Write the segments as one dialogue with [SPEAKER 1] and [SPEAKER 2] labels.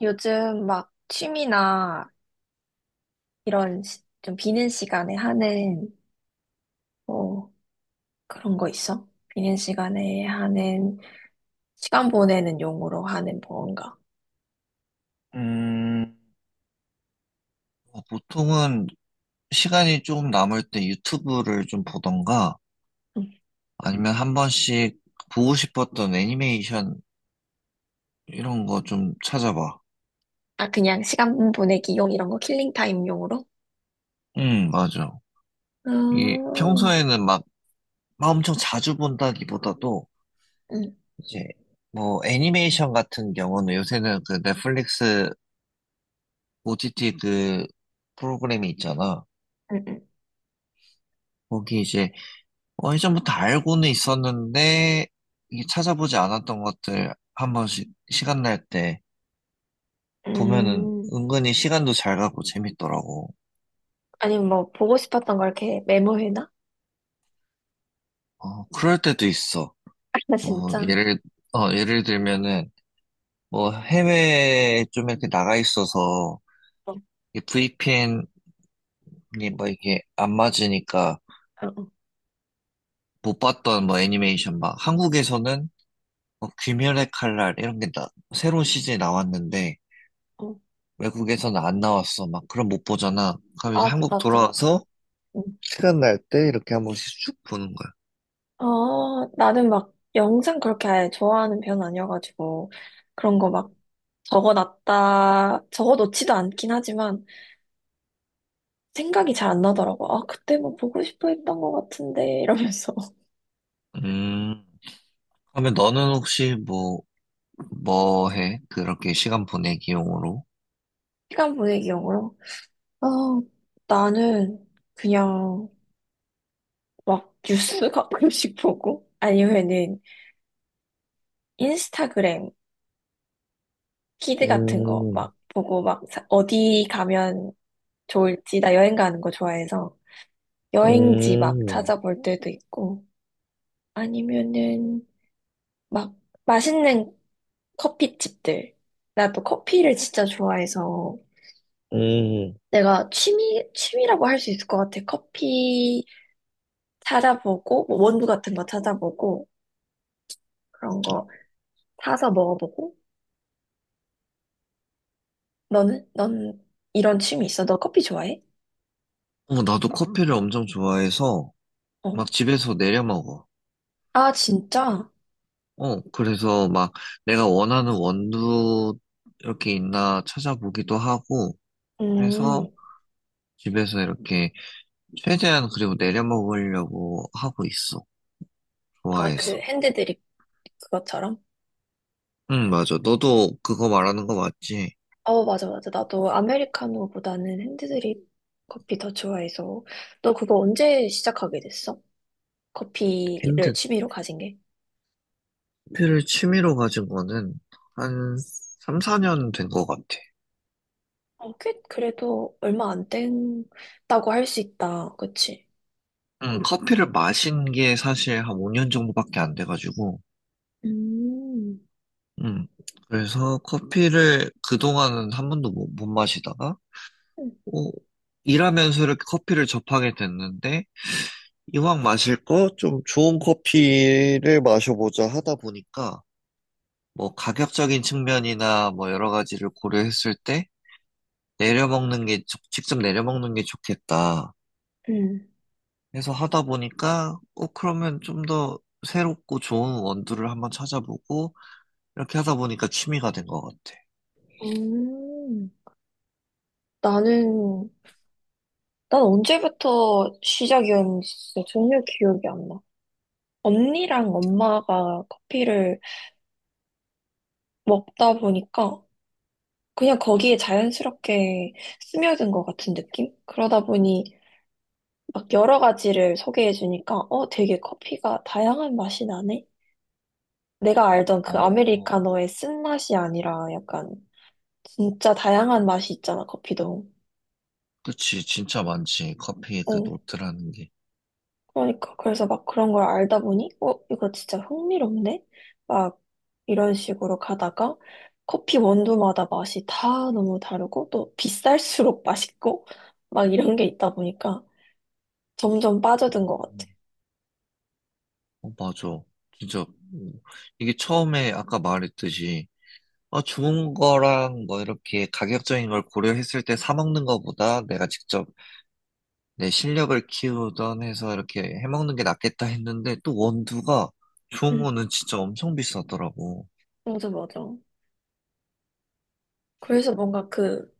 [SPEAKER 1] 요즘 막 취미나 이런 좀 비는 시간에 하는 뭐 그런 거 있어? 비는 시간에 하는 시간 보내는 용으로 하는 뭐 뭔가.
[SPEAKER 2] 음, 보통은 시간이 조금 남을 때 유튜브를 좀 보던가
[SPEAKER 1] 응.
[SPEAKER 2] 아니면 한 번씩 보고 싶었던 애니메이션 이런 거 좀 찾아봐.
[SPEAKER 1] 아, 그냥 시간 보내기 용 이런 거 킬링 타임 용으로?
[SPEAKER 2] 맞아. 이게
[SPEAKER 1] 음,
[SPEAKER 2] 평소에는 막 엄청 자주 본다기보다도
[SPEAKER 1] 음,
[SPEAKER 2] 이제 뭐 애니메이션 같은 경우는 요새는 그 넷플릭스 OTT 그 프로그램이 있잖아.
[SPEAKER 1] 음, 음.
[SPEAKER 2] 거기 이제 예전부터 알고는 있었는데, 이게 찾아보지 않았던 것들 한 번씩 시간 날 때 보면은
[SPEAKER 1] 음.
[SPEAKER 2] 은근히 시간도 잘 가고 재밌더라고.
[SPEAKER 1] 아니면 뭐 보고 싶었던 걸 이렇게 메모해놔?
[SPEAKER 2] 어, 그럴 때도 있어.
[SPEAKER 1] 아,
[SPEAKER 2] 뭐,
[SPEAKER 1] 진짜?
[SPEAKER 2] 예를 들면은, 뭐, 해외에 좀 이렇게 나가 있어서,
[SPEAKER 1] 어,
[SPEAKER 2] 이 VPN이 뭐 이게 안 맞으니까
[SPEAKER 1] 어, 어.
[SPEAKER 2] 못 봤던 뭐 애니메이션 막, 한국에서는 뭐 귀멸의 칼날 이런 게 나, 새로운 시즌이 나왔는데,
[SPEAKER 1] 어.
[SPEAKER 2] 외국에서는 안 나왔어. 막 그럼 못 보잖아. 그럼
[SPEAKER 1] 아,
[SPEAKER 2] 이제 한국
[SPEAKER 1] 맞지, 맞지.
[SPEAKER 2] 돌아와서 시간 날 때 이렇게 한 번씩 쭉 보는 거야.
[SPEAKER 1] 어, 나는 막 영상 그렇게 아예 좋아하는 편은 아니어가지고 그런 거 막 적어놓지도 않긴 하지만 생각이 잘 안 나더라고. 아, 그때 뭐 보고 싶어 했던 것 같은데 이러면서
[SPEAKER 2] 음, 그러면 너는 혹시 뭐, 뭐 해? 그렇게 시간 보내기용으로?
[SPEAKER 1] 시간 보내기용으로. 아, 나는 그냥 막 뉴스 가끔씩 보고 아니면은 인스타그램 키드 같은 거 막 보고 막 어디 가면 좋을지, 나 여행 가는 거 좋아해서 여행지 막 찾아볼 때도 있고, 아니면은 막 맛있는 커피집들. 나도 커피를 진짜 좋아해서 내가 취미, 취미라고 할 수 있을 것 같아. 커피 찾아보고, 뭐 원두 같은 거 찾아보고, 그런 거 사서 먹어보고. 너는? 넌 이런 취미 있어? 너 커피 좋아해?
[SPEAKER 2] 어, 나도 커피를 엄청 좋아해서
[SPEAKER 1] 어.
[SPEAKER 2] 막 집에서 내려 먹어.
[SPEAKER 1] 아, 진짜?
[SPEAKER 2] 그래서 막 내가 원하는 원두 이렇게 있나 찾아보기도 하고 해서
[SPEAKER 1] 음.
[SPEAKER 2] 집에서 이렇게 최대한 그리고 내려 먹으려고 하고 있어.
[SPEAKER 1] 아, 그
[SPEAKER 2] 좋아해서.
[SPEAKER 1] 핸드드립 그것처럼?
[SPEAKER 2] 응, 맞아. 너도 그거 말하는 거 맞지?
[SPEAKER 1] 어, 맞아, 맞아. 나도 아메리카노보다는 핸드드립 커피 더 좋아해서. 너 그거 언제 시작하게 됐어? 커피를
[SPEAKER 2] 핸드피를
[SPEAKER 1] 취미로 가진 게?
[SPEAKER 2] 취미로 가진 거는 한 3, 4년 된 거 같아.
[SPEAKER 1] 어, 꽤, 그래도 얼마 안 됐다고 할 수 있다. 그치?
[SPEAKER 2] 응, 커피를 마신 게 사실 한 5년 정도밖에 안 돼가지고,
[SPEAKER 1] 음,
[SPEAKER 2] 응. 그래서 커피를 그동안은 한 번도 못 마시다가,
[SPEAKER 1] 음,
[SPEAKER 2] 어, 일하면서 이렇게 커피를 접하게 됐는데, 이왕 마실 거 좀 좋은 커피를 마셔보자 하다 보니까, 뭐 가격적인 측면이나 뭐 여러 가지를 고려했을 때, 내려먹는 게, 좋- 직접 내려먹는 게 좋겠다 해서 하다 보니까, 그러면 좀 더 새롭고 좋은 원두를 한번 찾아보고, 이렇게 하다 보니까 취미가 된 것 같아.
[SPEAKER 1] 음. 나는, 난 언제부터 시작이었는지 진짜 전혀 기억이 안 나. 언니랑 엄마가 커피를 먹다 보니까 그냥 거기에 자연스럽게 스며든 것 같은 느낌? 그러다 보니 막 여러 가지를 소개해 주니까 어, 되게 커피가 다양한 맛이 나네? 내가 알던 그
[SPEAKER 2] 어,
[SPEAKER 1] 아메리카노의 쓴맛이 아니라 약간 진짜 다양한 맛이 있잖아, 커피도.
[SPEAKER 2] 그치, 진짜 많지. 커피 그
[SPEAKER 1] 어,
[SPEAKER 2] 노트라는 게.
[SPEAKER 1] 그러니까. 그래서 막 그런 걸 알다 보니 어, 이거 진짜 흥미롭네? 막 이런 식으로 가다가 커피 원두마다 맛이 다 너무 다르고 또 비쌀수록 맛있고 막 이런 게 있다 보니까 점점 빠져든 것 같아.
[SPEAKER 2] 어, 맞아. 진짜, 음, 이게 처음에 아까 말했듯이, 좋은 거랑 뭐 이렇게 가격적인 걸 고려했을 때 사 먹는 거보다 내가 직접 내 실력을 키우던 해서 이렇게 해먹는 게 낫겠다 했는데 또 원두가 좋은
[SPEAKER 1] 응,
[SPEAKER 2] 거는 진짜 엄청 비싸더라고.
[SPEAKER 1] 맞아, 맞아. 그래서 뭔가 그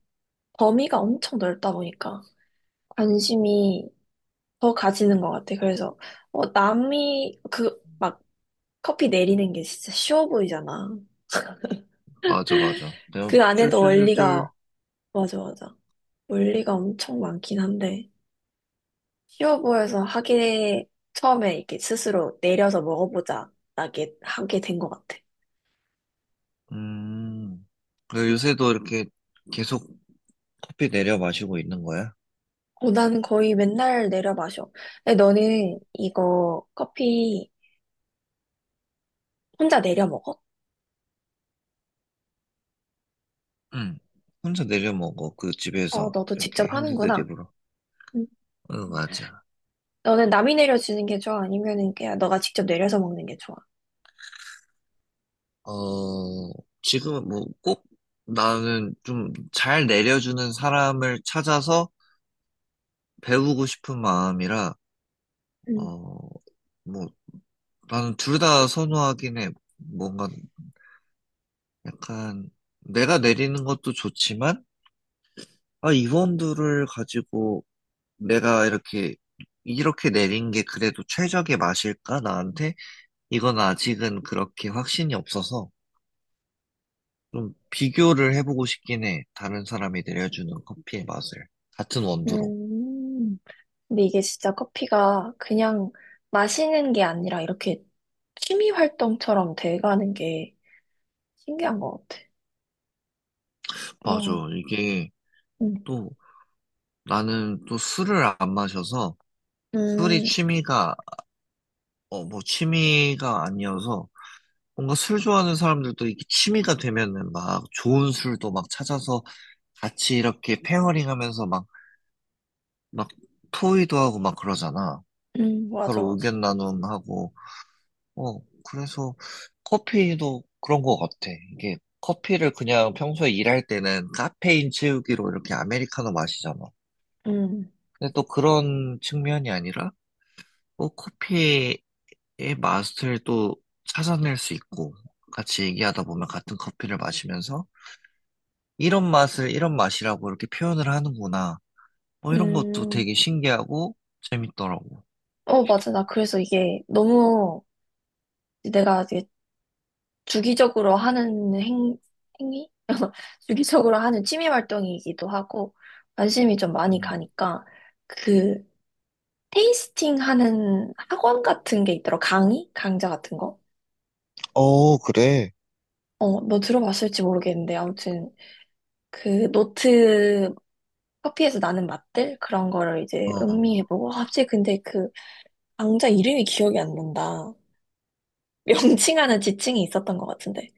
[SPEAKER 1] 범위가 엄청 넓다 보니까 관심이 더 가지는 것 같아. 그래서 어, 남이 그 막 커피 내리는 게 진짜 쉬워 보이잖아.
[SPEAKER 2] 맞아, 맞아. 내가
[SPEAKER 1] 그 안에도 원리가
[SPEAKER 2] 쫄쫄쫄쫄.
[SPEAKER 1] 맞아, 맞아. 원리가 엄청 많긴 한데 쉬워 보여서 하게 처음에 이렇게 스스로 내려서 먹어보자 하게 된 것 같아.
[SPEAKER 2] 음. 그 요새도 이렇게 계속 커피 내려 마시고 있는 거야?
[SPEAKER 1] 어, 나는 거의 맨날 내려 마셔. 근데 너는 이거 커피 혼자 내려 먹어?
[SPEAKER 2] 응. 혼자 내려 먹어. 그
[SPEAKER 1] 어,
[SPEAKER 2] 집에서
[SPEAKER 1] 너도
[SPEAKER 2] 이렇게
[SPEAKER 1] 직접 하는구나.
[SPEAKER 2] 핸드드립으로.
[SPEAKER 1] 음.
[SPEAKER 2] 응, 맞아.
[SPEAKER 1] 너는 남이 내려주는 게 좋아? 아니면은 그냥 너가 직접 내려서 먹는 게 좋아?
[SPEAKER 2] 어, 지금은 뭐 꼭 나는 좀 잘 내려주는 사람을 찾아서 배우고 싶은 마음이라,
[SPEAKER 1] 음.
[SPEAKER 2] 어, 뭐 나는 둘 다 선호하긴 해. 뭔가 약간 내가 내리는 것도 좋지만, 아, 이원두를 가지고 내가 이렇게, 이렇게 내린 게 그래도 최적의 맛일까? 나한테? 이건 아직은 그렇게 확신이 없어서 좀 비교를 해보고 싶긴 해. 다른 사람이 내려주는 커피의 맛을. 같은 원두로.
[SPEAKER 1] 음. 근데 이게 진짜 커피가 그냥 마시는 게 아니라 이렇게 취미 활동처럼 돼가는 게 신기한 것 같아.
[SPEAKER 2] 맞아.
[SPEAKER 1] 뭐,
[SPEAKER 2] 이게
[SPEAKER 1] 음,
[SPEAKER 2] 또 나는 또 술을 안 마셔서 술이
[SPEAKER 1] 음,
[SPEAKER 2] 취미가, 뭐 취미가 아니어서 뭔가 술 좋아하는 사람들도 이게 취미가 되면은 막 좋은 술도 막 찾아서 같이 이렇게 페어링 하면서 막, 막 토의도 하고 막 그러잖아.
[SPEAKER 1] 맞아,
[SPEAKER 2] 서로
[SPEAKER 1] 맞아.
[SPEAKER 2] 의견 나눔하고. 어, 그래서 커피도 그런 것 같아. 이게 커피를 그냥 평소에 일할 때는 카페인 채우기로 이렇게 아메리카노 마시잖아.
[SPEAKER 1] 음,
[SPEAKER 2] 근데 또 그런 측면이 아니라 또 커피의 맛을 또 찾아낼 수 있고 같이 얘기하다 보면 같은 커피를 마시면서 이런 맛을 이런 맛이라고 이렇게 표현을 하는구나. 뭐 이런 것도
[SPEAKER 1] 음.
[SPEAKER 2] 되게 신기하고 재밌더라고.
[SPEAKER 1] 어, 맞아. 나 그래서 이게 너무 내가 이제 주기적으로 하는 행위? 주기적으로 하는 취미 활동이기도 하고, 관심이 좀 많이
[SPEAKER 2] 음,
[SPEAKER 1] 가니까, 그, 테이스팅 하는 학원 같은 게 있더라. 강의? 강좌 같은 거?
[SPEAKER 2] 어, 그래.
[SPEAKER 1] 어, 너 들어봤을지 모르겠는데, 아무튼, 그, 노트, 커피에서 나는 맛들? 그런 거를 이제
[SPEAKER 2] 어,
[SPEAKER 1] 음미해보고, 아, 갑자기 근데 그, 강좌 이름이 기억이 안 난다. 명칭 하는 지칭이 있었던 것 같은데.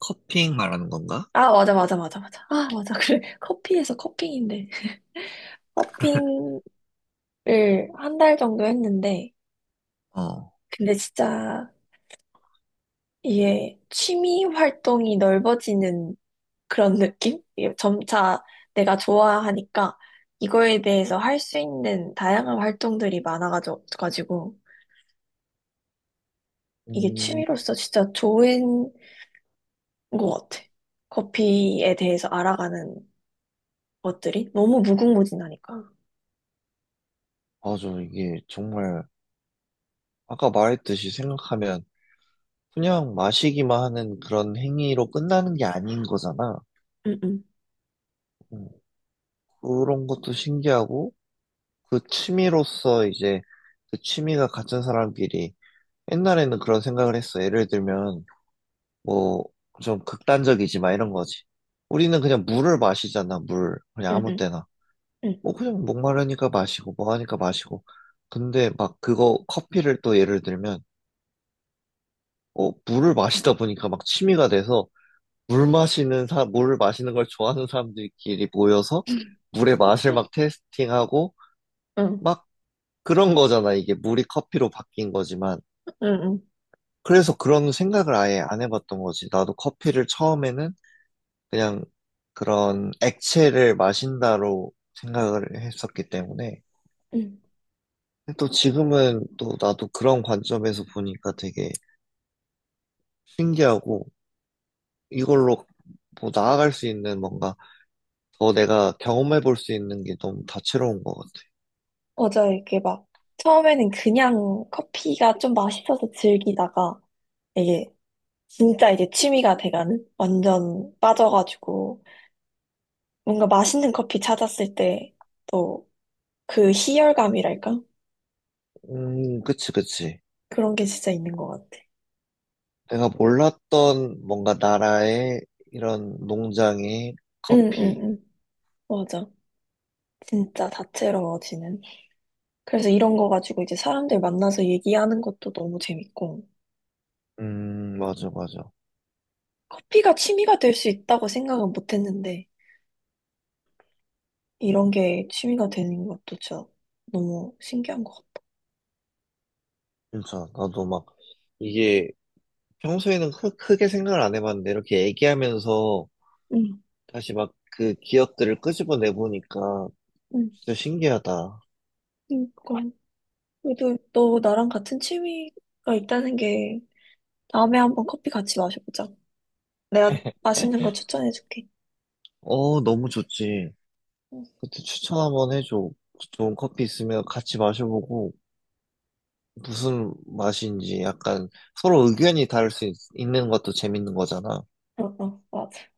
[SPEAKER 2] 커핑 말하는 건가?
[SPEAKER 1] 아, 맞아, 맞아, 맞아, 맞아. 아, 맞아. 그래. 커피에서 커핑인데. 커핑을 한 달 정도 했는데,
[SPEAKER 2] 어,
[SPEAKER 1] 근데 진짜 이게 취미 활동이 넓어지는 그런 느낌? 이게 점차 내가 좋아하니까 이거에 대해서 할 수 있는 다양한 활동들이 많아가지고, 이게
[SPEAKER 2] 음,
[SPEAKER 1] 취미로서 진짜 좋은 것 같아. 커피에 대해서 알아가는 것들이 너무 무궁무진하니까.
[SPEAKER 2] 맞아. 이게 정말 아까 말했듯이 생각하면 그냥 마시기만 하는 그런 행위로 끝나는 게 아닌 거잖아.
[SPEAKER 1] 응, 응,
[SPEAKER 2] 음, 그런 것도 신기하고 그 취미로서 이제 그 취미가 같은 사람끼리 옛날에는 그런 생각을 했어. 예를 들면 뭐, 좀 극단적이지, 막 이런 거지. 우리는 그냥 물을 마시잖아, 물. 그냥
[SPEAKER 1] 응,
[SPEAKER 2] 아무
[SPEAKER 1] 응,
[SPEAKER 2] 때나.
[SPEAKER 1] 응,
[SPEAKER 2] 뭐, 그냥 목마르니까 마시고, 뭐 하니까 마시고. 근데 막 그거, 커피를 또 예를 들면, 물을 마시다 보니까 막 취미가 돼서, 물 마시는 사, 물을 마시는 걸 좋아하는 사람들끼리 모여서, 물의 맛을 막 테스팅하고,
[SPEAKER 1] 응,
[SPEAKER 2] 막 그런 거잖아, 이게. 물이 커피로 바뀐 거지만.
[SPEAKER 1] 응. 응.
[SPEAKER 2] 그래서 그런 생각을 아예 안 해봤던 거지. 나도 커피를 처음에는 그냥 그런 액체를 마신다로 생각을 했었기 때문에
[SPEAKER 1] 음,
[SPEAKER 2] 근데 또 지금은 또 나도 그런 관점에서 보니까 되게 신기하고 이걸로 뭐 나아갈 수 있는 뭔가 더 내가 경험해 볼 수 있는 게 너무 다채로운 것 같아.
[SPEAKER 1] 맞아요. 이게 막, 처음에는 그냥 커피가 좀 맛있어서 즐기다가, 이게 진짜 이제 취미가 돼가는? 완전 빠져가지고, 뭔가 맛있는 커피 찾았을 때, 또 그 희열감이랄까?
[SPEAKER 2] 그치, 그치.
[SPEAKER 1] 그런 게 진짜 있는 것 같아.
[SPEAKER 2] 내가 몰랐던 뭔가 나라의 이런 농장의
[SPEAKER 1] 응, 응,
[SPEAKER 2] 커피.
[SPEAKER 1] 응. 맞아. 진짜 다채로워지는. 그래서 이런 거 가지고 이제 사람들 만나서 얘기하는 것도 너무 재밌고,
[SPEAKER 2] 맞아, 맞아.
[SPEAKER 1] 커피가 취미가 될 수 있다고 생각은 못 했는데, 이런 게 취미가 되는 것도 진짜 너무 신기한 것 같아.
[SPEAKER 2] 진짜 나도 막 이게 평소에는 크게 생각을 안 해봤는데 이렇게 얘기하면서
[SPEAKER 1] 응,
[SPEAKER 2] 다시 막 그 기억들을 끄집어내 보니까
[SPEAKER 1] 응.
[SPEAKER 2] 진짜 신기하다.
[SPEAKER 1] 그러니까 그래도 너 나랑 같은 취미가 있다는 게, 다음에 한번 커피 같이 마셔보자. 내가 맛있는 거 추천해줄게.
[SPEAKER 2] 어, 너무 좋지.
[SPEAKER 1] 응,
[SPEAKER 2] 그때 추천 한번 해줘. 좋은 커피 있으면 같이 마셔보고 무슨 맛인지 약간 서로 의견이 다를 수 있는 것도 재밌는 거잖아.
[SPEAKER 1] 어, 어, 맞아.